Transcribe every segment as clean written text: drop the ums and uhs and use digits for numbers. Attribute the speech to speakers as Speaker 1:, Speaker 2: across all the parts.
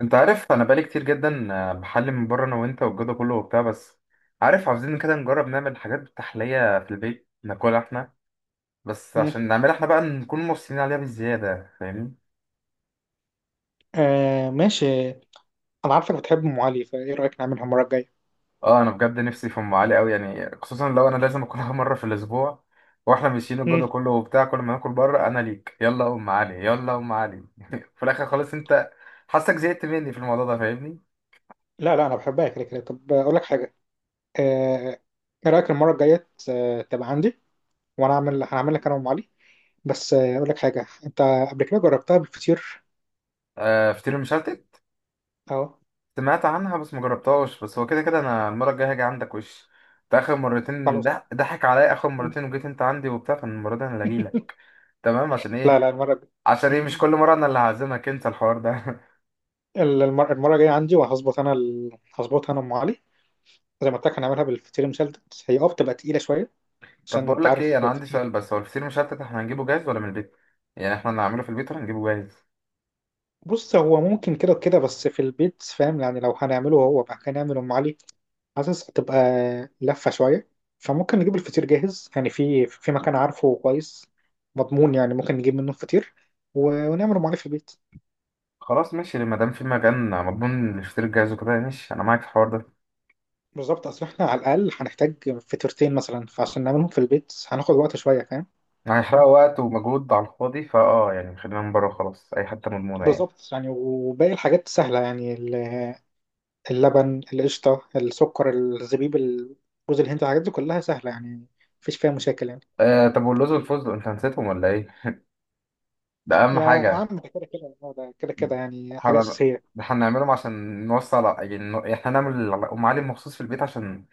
Speaker 1: انت عارف انا بقالي كتير جدا بحلي من بره انا وانت والجو ده كله وبتاع. بس عارف عاوزين كده نجرب نعمل حاجات بالتحلية في البيت ناكلها احنا، بس
Speaker 2: مم.
Speaker 1: عشان نعملها احنا بقى نكون مبسوطين عليها بالزيادة، فاهمني؟
Speaker 2: آه، ماشي. انا عارفك بتحب ام علي، فايه رايك نعملها المره الجايه؟
Speaker 1: اه انا بجد نفسي في ام علي قوي، يعني خصوصا لو انا لازم اكلها مرة في الاسبوع. واحنا ماشيين الجو
Speaker 2: مم.
Speaker 1: ده كله وبتاع، كل ما ناكل بره انا ليك يلا ام علي يلا ام علي في الاخر خالص انت حاسك زهقت مني في الموضوع ده، فاهمني؟
Speaker 2: لا لا، انا بحبها كده كده. طب اقول لك حاجه. آه. ايه رايك المره الجايه تبقى عندي، وانا اعمل هنعمل لك انا وام علي. بس اقول لك حاجه انت. قبل كده جربتها بالفطير.
Speaker 1: آه فطير مشلتت،
Speaker 2: اه
Speaker 1: سمعت عنها بس مجربتهاش. بس هو كده كده انا المره الجايه هاجي عندك، وش انت اخر مرتين
Speaker 2: خلاص.
Speaker 1: ده ضحك عليا، اخر
Speaker 2: مم.
Speaker 1: مرتين وجيت انت عندي وبتاع، فالمره دي انا اللي اجيلك. تمام، عشان
Speaker 2: لا
Speaker 1: ايه؟
Speaker 2: لا، المره الجايه.
Speaker 1: عشان ايه مش كل مره انا اللي هعزمك انت الحوار ده؟
Speaker 2: المره الجايه عندي، وهظبط انا هظبط انا ام علي، زي ما قلت لك هنعملها بالفطير المشلتت، هي بتبقى تقيله شويه.
Speaker 1: طب
Speaker 2: عشان
Speaker 1: بقول
Speaker 2: انت
Speaker 1: لك ايه،
Speaker 2: عارف
Speaker 1: انا عندي
Speaker 2: الفطير.
Speaker 1: سؤال، بس هو الفطير مشلتت احنا هنجيبه جاهز ولا من البيت؟ يعني احنا اللي هنعمله في البيت ولا هنجيبه جاهز؟
Speaker 2: بص، هو ممكن كده وكده، بس في البيت، فاهم يعني لو هنعمله، هو بقى هنعمل ام علي حاسس هتبقى لفه شويه. فممكن نجيب الفطير جاهز، يعني في مكان عارفه كويس، مضمون، يعني ممكن نجيب منه الفطير، ونعمل ام علي في البيت.
Speaker 1: خلاص ماشي، ما دام في مكان مضمون للفطير الجاهز وكده ماشي، انا معاك في الحوار ده.
Speaker 2: بالظبط، اصل احنا على الاقل هنحتاج فطيرتين مثلا، فعشان نعملهم في البيت هناخد وقت شويه فاهم.
Speaker 1: هيحرقوا وقت ومجهود على الفاضي، فاه يعني خلينا من بره خلاص، اي حته مضمونه يعني.
Speaker 2: بالظبط يعني، وباقي الحاجات سهله يعني، اللبن، القشطه، السكر، الزبيب، جوز الهند، الحاجات دي كلها سهله يعني، مفيش فيها مشاكل يعني.
Speaker 1: أه، طب واللوز والفستق انت نسيتهم ولا ايه؟ ده اهم
Speaker 2: يعني يا عم،
Speaker 1: حاجه.
Speaker 2: ده كده كده، هو ده كده كده يعني حاجة
Speaker 1: هن-
Speaker 2: أساسية.
Speaker 1: هنعملهم عشان نوصل، يعني احنا نعمل ام علي مخصوص في البيت عشان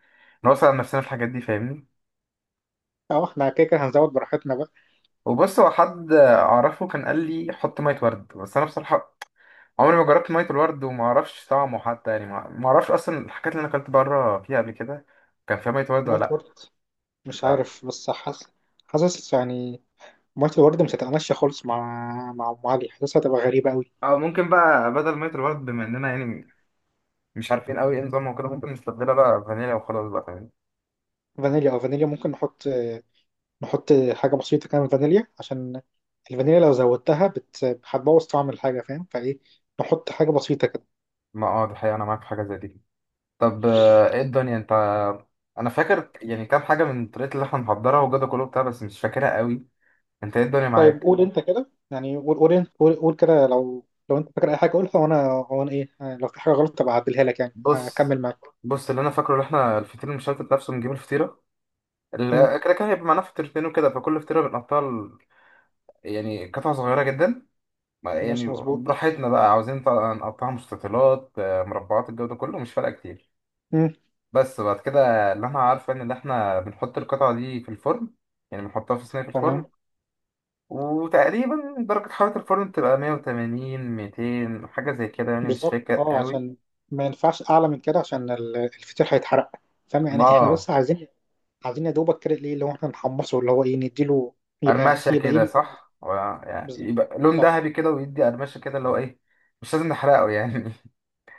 Speaker 1: نوصل على نفسنا في الحاجات دي، فاهمني؟
Speaker 2: أه، إحنا كده كده هنزود براحتنا بقى.
Speaker 1: وبص هو حد اعرفه كان قال لي حط ميه ورد، بس انا بصراحه عمري ما جربت ميه الورد وما اعرفش طعمه حتى، يعني ما اعرفش اصلا الحاجات اللي انا اكلت بره فيها قبل كده كان فيها ميه ورد ولا
Speaker 2: مية
Speaker 1: لا.
Speaker 2: ورد؟ مش
Speaker 1: ف
Speaker 2: عارف، بس حاسس، حاسس يعني، مية الورد مش هتتمشى خالص، مع أم علي. حاسسها هتبقى غريبة أوي.
Speaker 1: او ممكن بقى بدل ميه الورد، بما اننا يعني مش عارفين قوي ايه نظامها وكده، ممكن نستبدلها بقى فانيليا وخلاص بقى، فاهمني؟
Speaker 2: فانيليا، فانيليا ممكن نحط. نحط حاجة بسيطة كده من فانيليا، عشان الفانيليا لو زودتها هتبوظ طعم الحاجة، فاهم. فإيه، نحط حاجة بسيطة كده.
Speaker 1: ما اه، دي حقيقة، انا معاك في حاجه زي دي. طب ايه الدنيا انت؟ انا فاكر يعني كام حاجه من الطريقه اللي احنا محضرها وجدع كله بتاع، بس مش فاكرها قوي. انت ايه الدنيا
Speaker 2: طيب
Speaker 1: معاك؟
Speaker 2: قول أنت كده، يعني، قول أنت قول كده، لو لو أنت فاكر أي حاجة قولها، وأنا إيه، لو في حاجة غلط تبقى أعدلها لك، يعني
Speaker 1: بص
Speaker 2: أكمل معاك.
Speaker 1: بص اللي انا فاكره، اللي احنا الفطير المشلتت نفسه بنجيب الفطيره،
Speaker 2: مم.
Speaker 1: كده كده هيبقى معانا فطيرتين وكده، فكل فطيره بنقطعها يعني قطع صغيره جدا. يعني
Speaker 2: ماشي، مظبوط.
Speaker 1: براحتنا بقى، عاوزين طبعاً نقطعها مستطيلات مربعات، الجو ده كله مش فارقه كتير.
Speaker 2: مم.
Speaker 1: بس بعد كده اللي انا عارفه ان اللي احنا بنحط القطعه دي في الفرن، يعني بنحطها في صينيه في الفرن.
Speaker 2: تمام.
Speaker 1: وتقريبا درجة حرارة الفرن بتبقى 180 200 حاجة زي كده، يعني مش
Speaker 2: بالظبط،
Speaker 1: فاكر
Speaker 2: اه،
Speaker 1: قوي.
Speaker 2: عشان ما ينفعش اعلى من كده، عشان الفطير هيتحرق، فاهم يعني. احنا
Speaker 1: اه
Speaker 2: بس عايزين، عايزين يا دوبك كده، ايه اللي هو احنا نحمصه، اللي هو ايه نديله. يبقى
Speaker 1: قرمشة
Speaker 2: يبقى ايه.
Speaker 1: كده، صح، يعني
Speaker 2: بالظبط،
Speaker 1: يبقى لون
Speaker 2: صح.
Speaker 1: ذهبي كده ويدي قرمشة كده اللي هو ايه، مش لازم نحرقه يعني.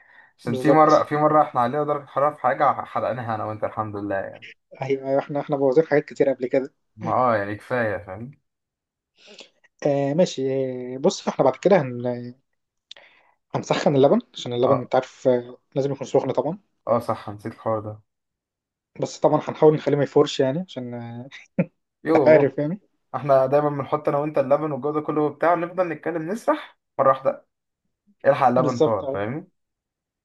Speaker 1: عشان في مرة
Speaker 2: بالظبط،
Speaker 1: في مرة احنا علينا درجة حرارة في حاجة حرقناها انا وانت، الحمد لله يعني.
Speaker 2: ايوه ايوه، احنا بوظنا حاجات كتير قبل كده.
Speaker 1: ما اه، يعني كفاية فاهم.
Speaker 2: آه ماشي. بص، احنا بعد كده هنسخن اللبن، عشان اللبن
Speaker 1: اه
Speaker 2: انت عارف لازم يكون سخن طبعا.
Speaker 1: اه صح، نسيت الحوار ده.
Speaker 2: بس طبعا هنحاول نخليه ما يفورش يعني عشان آه، انت
Speaker 1: يوه،
Speaker 2: عارف يعني.
Speaker 1: احنا دايما بنحط انا وانت اللبن والجو ده كله وبتاع ونفضل نتكلم نسرح مرة واحدة، الحق اللبن
Speaker 2: بالظبط.
Speaker 1: فور، فاهمني؟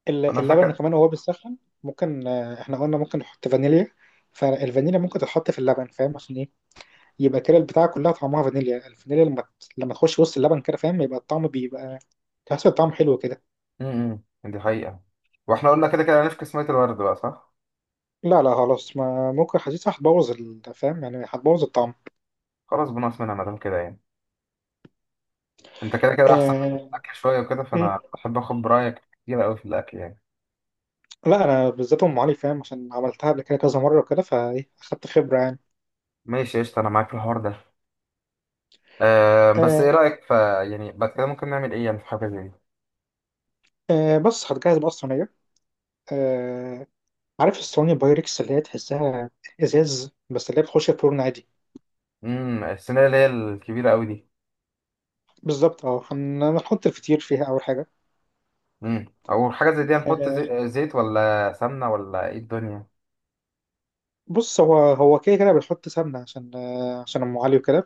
Speaker 1: انا
Speaker 2: اللبن
Speaker 1: فاكر.
Speaker 2: كمان وهو بيسخن ممكن، احنا قلنا ممكن نحط فانيليا، فالفانيليا ممكن تتحط في اللبن، فاهم عشان ايه؟ يبقى كده البتاعة كلها طعمها فانيليا. الفانيليا لما لما تخش وسط اللبن كده، فاهم، يبقى الطعم بيبقى تحس الطعم حلو كده.
Speaker 1: امم، دي حقيقة. واحنا قلنا كده كده هنفكس مية الورد بقى، صح؟
Speaker 2: لا لا، خلاص، ما ممكن، حاسسها هتبوظ فاهم يعني، هتبوظ الطعم.
Speaker 1: خلاص بنقص منها مادام كده يعني. انت كده كده احسن مني في
Speaker 2: آه...
Speaker 1: الاكل شوية وكده،
Speaker 2: مم.
Speaker 1: فانا بحب اخد برأيك كتير قوي في الاكل يعني.
Speaker 2: لا، انا بالذات ام علي فاهم، عشان عملتها قبل كده كذا مرة كده، فايه اخدت خبرة يعني.
Speaker 1: ماشي قشطة، انا معاك في الحوار ده. أه بس ايه
Speaker 2: آه...
Speaker 1: رأيك يعني بعد كده ممكن نعمل ايه يعني في حاجة زي دي؟
Speaker 2: بس هتجهز بقى الصينية. آه، عارف الصواني بايركس اللي هي تحسها ازاز، بس اللي هي بتخش الفرن عادي.
Speaker 1: امم، الصينية اللي هي الكبيرة قوي دي؟
Speaker 2: بالظبط، اه، هنحط الفطير فيها اول حاجه.
Speaker 1: امم، او حاجة زي دي هنحط
Speaker 2: آه،
Speaker 1: زيت ولا سمنة ولا ايه الدنيا؟
Speaker 2: بص، هو كده كده بنحط سمنه عشان عشان ام علي وكده،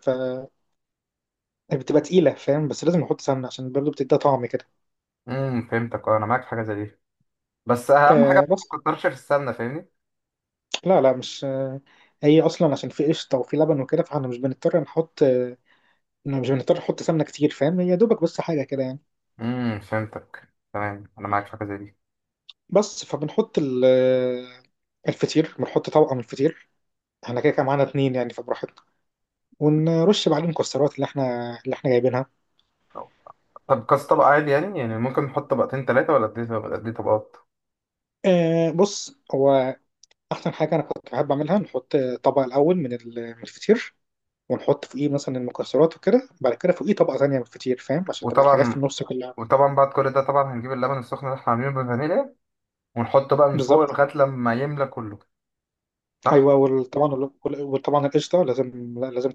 Speaker 2: فبتبقى تقيله، فاهم، بس لازم نحط سمنه عشان برضه بتديها طعم كده.
Speaker 1: امم، فهمتك، اه انا معاك في حاجة زي دي. بس اهم حاجة
Speaker 2: بس
Speaker 1: ما تكترش في السمنة، فاهمني؟
Speaker 2: لا لا، مش هي اصلا عشان في قشطه وفي لبن وكده، فاحنا مش بنضطر نحط مش بنضطر نحط سمنه كتير، فاهم، هي دوبك بس حاجه كده يعني.
Speaker 1: فهمتك تمام، انا معاك في حاجة زي دي.
Speaker 2: بس فبنحط الفطير، بنحط طبقه من الفطير، احنا كده كده معانا اتنين يعني فبراحتنا، ونرش بعدين الكسرات اللي احنا، اللي احنا جايبينها.
Speaker 1: طب كاس طبق عادي يعني، يعني ممكن نحط طبقتين تلاتة ولا قد ايه، ولا قد ايه طبقات؟
Speaker 2: آه، بص هو احسن حاجه انا كنت بحب اعملها، نحط طبق الاول من من الفطير، ونحط فوقيه مثلا المكسرات وكده، بعد كده فوقيه طبقه ثانيه من الفطير، فاهم، عشان تبقى الحاجات في
Speaker 1: وطبعا،
Speaker 2: النص كلها.
Speaker 1: وطبعا بعد كل ده طبعا هنجيب اللبن السخن اللي احنا عاملينه بالفانيليا ونحطه بقى من فوق
Speaker 2: بالظبط،
Speaker 1: لغاية لما يملى كله، صح؟
Speaker 2: ايوه، وطبعا، وطبعا القشطه لازم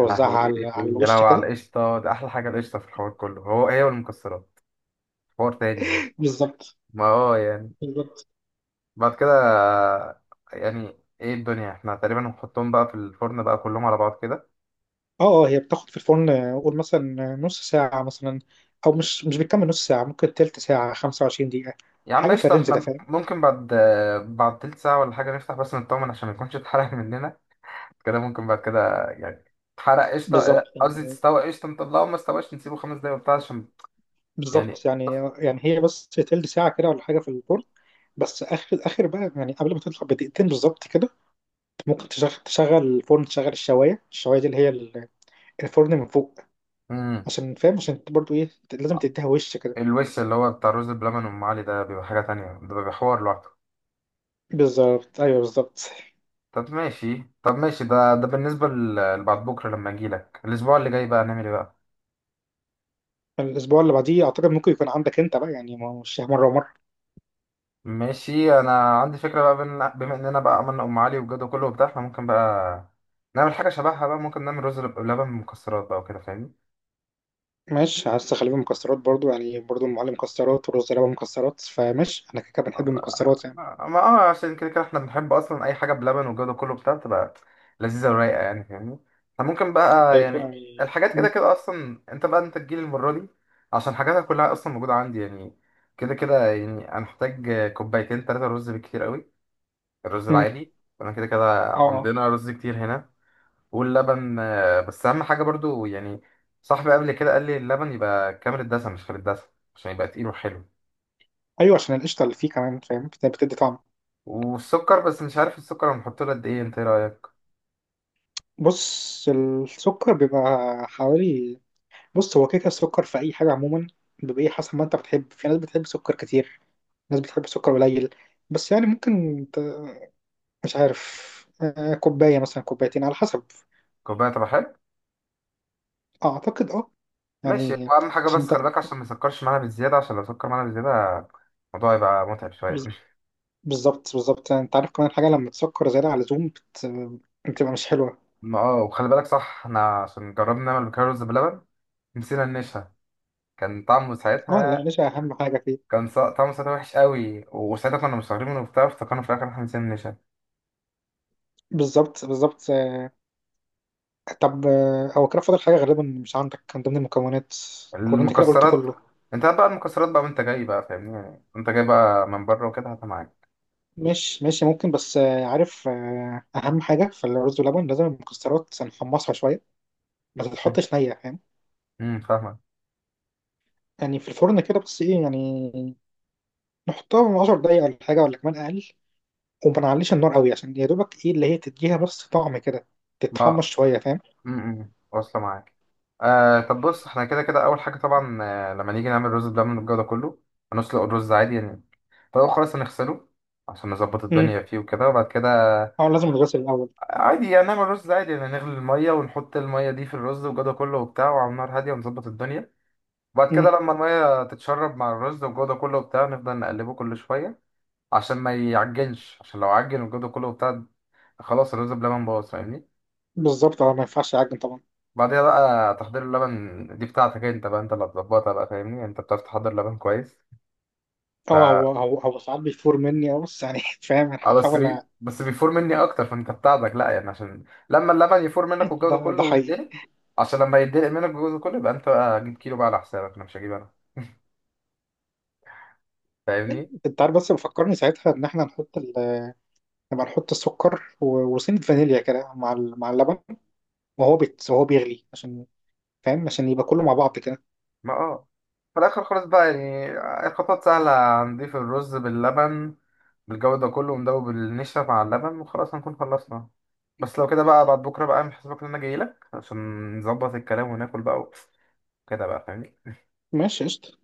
Speaker 1: يا لهوي،
Speaker 2: على
Speaker 1: يا
Speaker 2: الوش
Speaker 1: لهوي
Speaker 2: كده.
Speaker 1: على القشطة، ده أحلى حاجة القشطة في الحوار كله، هو هي والمكسرات حوار تاني ده.
Speaker 2: بالظبط
Speaker 1: ما هو يعني
Speaker 2: بالظبط،
Speaker 1: بعد كده يعني، ايه الدنيا، احنا تقريبا هنحطهم بقى في الفرن بقى كلهم على بعض كده.
Speaker 2: اه. اه هي بتاخد في الفرن، قول مثلا نص ساعه مثلا، او مش بتكمل نص ساعه، ممكن تلت ساعه، 25 دقيقه،
Speaker 1: يا عم
Speaker 2: حاجه في
Speaker 1: قشطة،
Speaker 2: الرينج ده
Speaker 1: احنا
Speaker 2: فاهم.
Speaker 1: ممكن بعد بعد تلت ساعة ولا حاجة نفتح بس نطمن عشان ما يكونش اتحرق مننا. كده ممكن بعد كده يعني تحرق قشطة،
Speaker 2: بالظبط
Speaker 1: قصدي تستوي قشطة، نطلعه، ما استواش نسيبه خمس دقايق وبتاع عشان يعني.
Speaker 2: بالظبط يعني، يعني هي بس تلت ساعة كده ولا حاجة في الفرن، بس آخر آخر بقى يعني قبل ما تطلع بدقيقتين بالظبط كده، ممكن تشغل الفرن، تشغل الشواية دي اللي هي الفرن من فوق،
Speaker 1: مم.
Speaker 2: عشان، فاهم، عشان برضو إيه، لازم تديها وش كده.
Speaker 1: الوش اللي هو بتاع الرز بلبن، أم علي ده بيبقى حاجة تانية، ده بيبقى حوار لوحده.
Speaker 2: بالظبط، أيوه، بالظبط.
Speaker 1: طب ماشي طب ماشي، ده بالنسبة لبعد بكرة لما أجيلك الأسبوع اللي جاي بقى، هنعمل إيه بقى؟
Speaker 2: الأسبوع اللي بعديه أعتقد ممكن يكون عندك أنت بقى، يعني ما هو مش مرة ومرة.
Speaker 1: ماشي أنا عندي فكرة بقى، بما إننا بقى عملنا أم علي والجو ده كله وبتاع، إحنا ممكن بقى نعمل حاجة شبهها بقى، ممكن نعمل رز بلبن مكسرات بقى وكده، فاهمني؟
Speaker 2: ماشي، عايز تخليه مكسرات برضو، يعني برضو المعلم مكسرات، ورز لبن مكسرات، فماشي، أنا كده كده بنحب المكسرات يعني.
Speaker 1: ما اه، عشان كده كده احنا بنحب اصلا اي حاجه بلبن والجو ده كله بتاع بتبقى لذيذه ورايقه يعني، فاهمني؟ فممكن بقى
Speaker 2: طيب
Speaker 1: يعني
Speaker 2: يعني
Speaker 1: الحاجات كده كده اصلا، انت بقى انت تجيلي المره دي عشان حاجاتها كلها اصلا موجوده عندي يعني. كده كده يعني انا محتاج كوبايتين ثلاثه رز بالكتير قوي، الرز
Speaker 2: م.
Speaker 1: العادي، وانا كده كده
Speaker 2: اه،
Speaker 1: عندنا رز كتير هنا. واللبن بس اهم حاجه برضو يعني، صاحبي قبل كده قال لي اللبن يبقى كامل الدسم مش خالي الدسم عشان يبقى تقيل وحلو.
Speaker 2: ايوه، عشان القشطه اللي فيه كمان، فاهم بتدي طعم.
Speaker 1: والسكر بس مش عارف السكر هنحط له قد ايه، انت ايه رايك؟
Speaker 2: بص السكر بيبقى حوالي، بص هو كده كده السكر في اي حاجه عموما بيبقى ايه حسب ما انت بتحب. في ناس بتحب سكر كتير، ناس بتحب سكر قليل، بس يعني ممكن مش عارف، كوبايه مثلا، كوبايتين على حسب.
Speaker 1: كوبايه، طب حلو.
Speaker 2: اعتقد اه.
Speaker 1: ماشي،
Speaker 2: يعني
Speaker 1: اهم حاجه
Speaker 2: عشان
Speaker 1: بس
Speaker 2: انت،
Speaker 1: خلي بالك عشان ما يسكرش معانا بالزياده، عشان لو سكر معانا بالزياده الموضوع يبقى متعب شويه.
Speaker 2: بز- بالظبط بالظبط يعني، انت عارف كمان حاجه، لما تسكر زياده على اللزوم بتبقى مش حلوه.
Speaker 1: ما اه، وخلي بالك صح، احنا عشان جربنا نعمل بكره رز بلبن نسينا النشا، كان طعمه
Speaker 2: اه لا،
Speaker 1: ساعتها،
Speaker 2: النشا اهم حاجه فيه.
Speaker 1: طعمه ساعتها وحش قوي، وساعتها كنا مستغربين منه وبتاع، افتكرنا في الاخر إن احنا نسينا النشا.
Speaker 2: بالظبط بالظبط. طب، هو كده فاضل حاجة غالبا مش عندك من ضمن المكونات، ولا انت كده قلت
Speaker 1: المكسرات،
Speaker 2: كله؟
Speaker 1: انت هات بقى المكسرات بقى وانت جاي بقى، فاهمني؟ يعني وانت جاي بقى من بره وكده هاتها معاك.
Speaker 2: مش ماشي، ممكن بس عارف أهم حاجة في الرز واللبن لازم المكسرات نحمصها شوية، ما تتحطش نية، فاهم
Speaker 1: فاهمك.
Speaker 2: يعني، في الفرن كده، بس ايه يعني، نحطها من 10 دقايق ولا حاجة، ولا كمان أقل، وما نعليش النار قوي، عشان يا دوبك ايه، اللي هي تديها بس طعم كده، تتحمص
Speaker 1: ما
Speaker 2: شوية فاهم.
Speaker 1: امم، واصله معاك. آه طب بص، احنا كده كده اول حاجه طبعا، آه لما نيجي نعمل رز بلبن والجو ده كله، هنسلق الرز عادي يعني. فالاول خالص هنغسله عشان نظبط
Speaker 2: امم.
Speaker 1: الدنيا فيه وكده. وبعد كده
Speaker 2: اه لازم الغسل الأول.
Speaker 1: عادي يعني نعمل رز عادي، يعني نغلي الميه ونحط الميه دي في الرز والجو ده كله وبتاع، وعلى نار هاديه ونظبط الدنيا. وبعد كده
Speaker 2: امم.
Speaker 1: لما الميه تتشرب مع الرز والجو ده كله وبتاع، نفضل نقلبه كل شويه عشان ما يعجنش، عشان لو عجن والجو ده كله وبتاع خلاص الرز بلبن باظ، فاهمني؟
Speaker 2: بالظبط، اه، ما ينفعش يعجن طبعا.
Speaker 1: بعدها بقى تحضير اللبن، دي بتاعتك انت بقى، انت اللي هتظبطها بقى، فاهمني؟ انت بتعرف تحضر لبن كويس. ف
Speaker 2: اه، هو ساعات بيفور مني، بس يعني فاهم
Speaker 1: اه بس
Speaker 2: هحاول.
Speaker 1: بس بيفور مني اكتر، فانت بتاعتك لا يعني. عشان لما اللبن يفور منك والجو ده
Speaker 2: ده
Speaker 1: كله
Speaker 2: ده حقيقي.
Speaker 1: ويتدلق، عشان لما يتدلق منك والجو ده كله يبقى انت بقى جيب كيلو بقى على حسابك، انا مش هجيب انا، فاهمني؟
Speaker 2: انت عارف بس بفكرني ساعتها ان احنا نحط نبقى نحط السكر، وسنة فانيليا كده مع مع اللبن، وهو بيغلي، عشان فاهم، عشان يبقى كله مع بعض كده.
Speaker 1: ما اه، في الاخر خالص بقى يعني الخطوات سهله، نضيف الرز باللبن بالجو ده كله، وندوب النشا مع اللبن وخلاص هنكون خلصنا. بس لو كده بقى بعد بكره بقى اعمل حسابك ان انا جاي لك عشان نظبط الكلام وناكل بقى كده بقى، فاهمني؟
Speaker 2: ماشي، قشطة.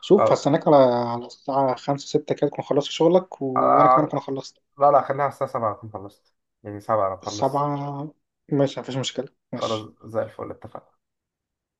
Speaker 2: شوف هستناك على الساعة خمسة ستة كده تكون خلصت شغلك. وأنا كمان أكون
Speaker 1: آه
Speaker 2: خلصت.
Speaker 1: لا، لا، خليها على الساعه 7 اكون خلصت، يعني 7 انا بخلص.
Speaker 2: سبعة. ماشي مفيش مشكلة،
Speaker 1: خلاص
Speaker 2: ماشي.
Speaker 1: زي الفل اتفقنا.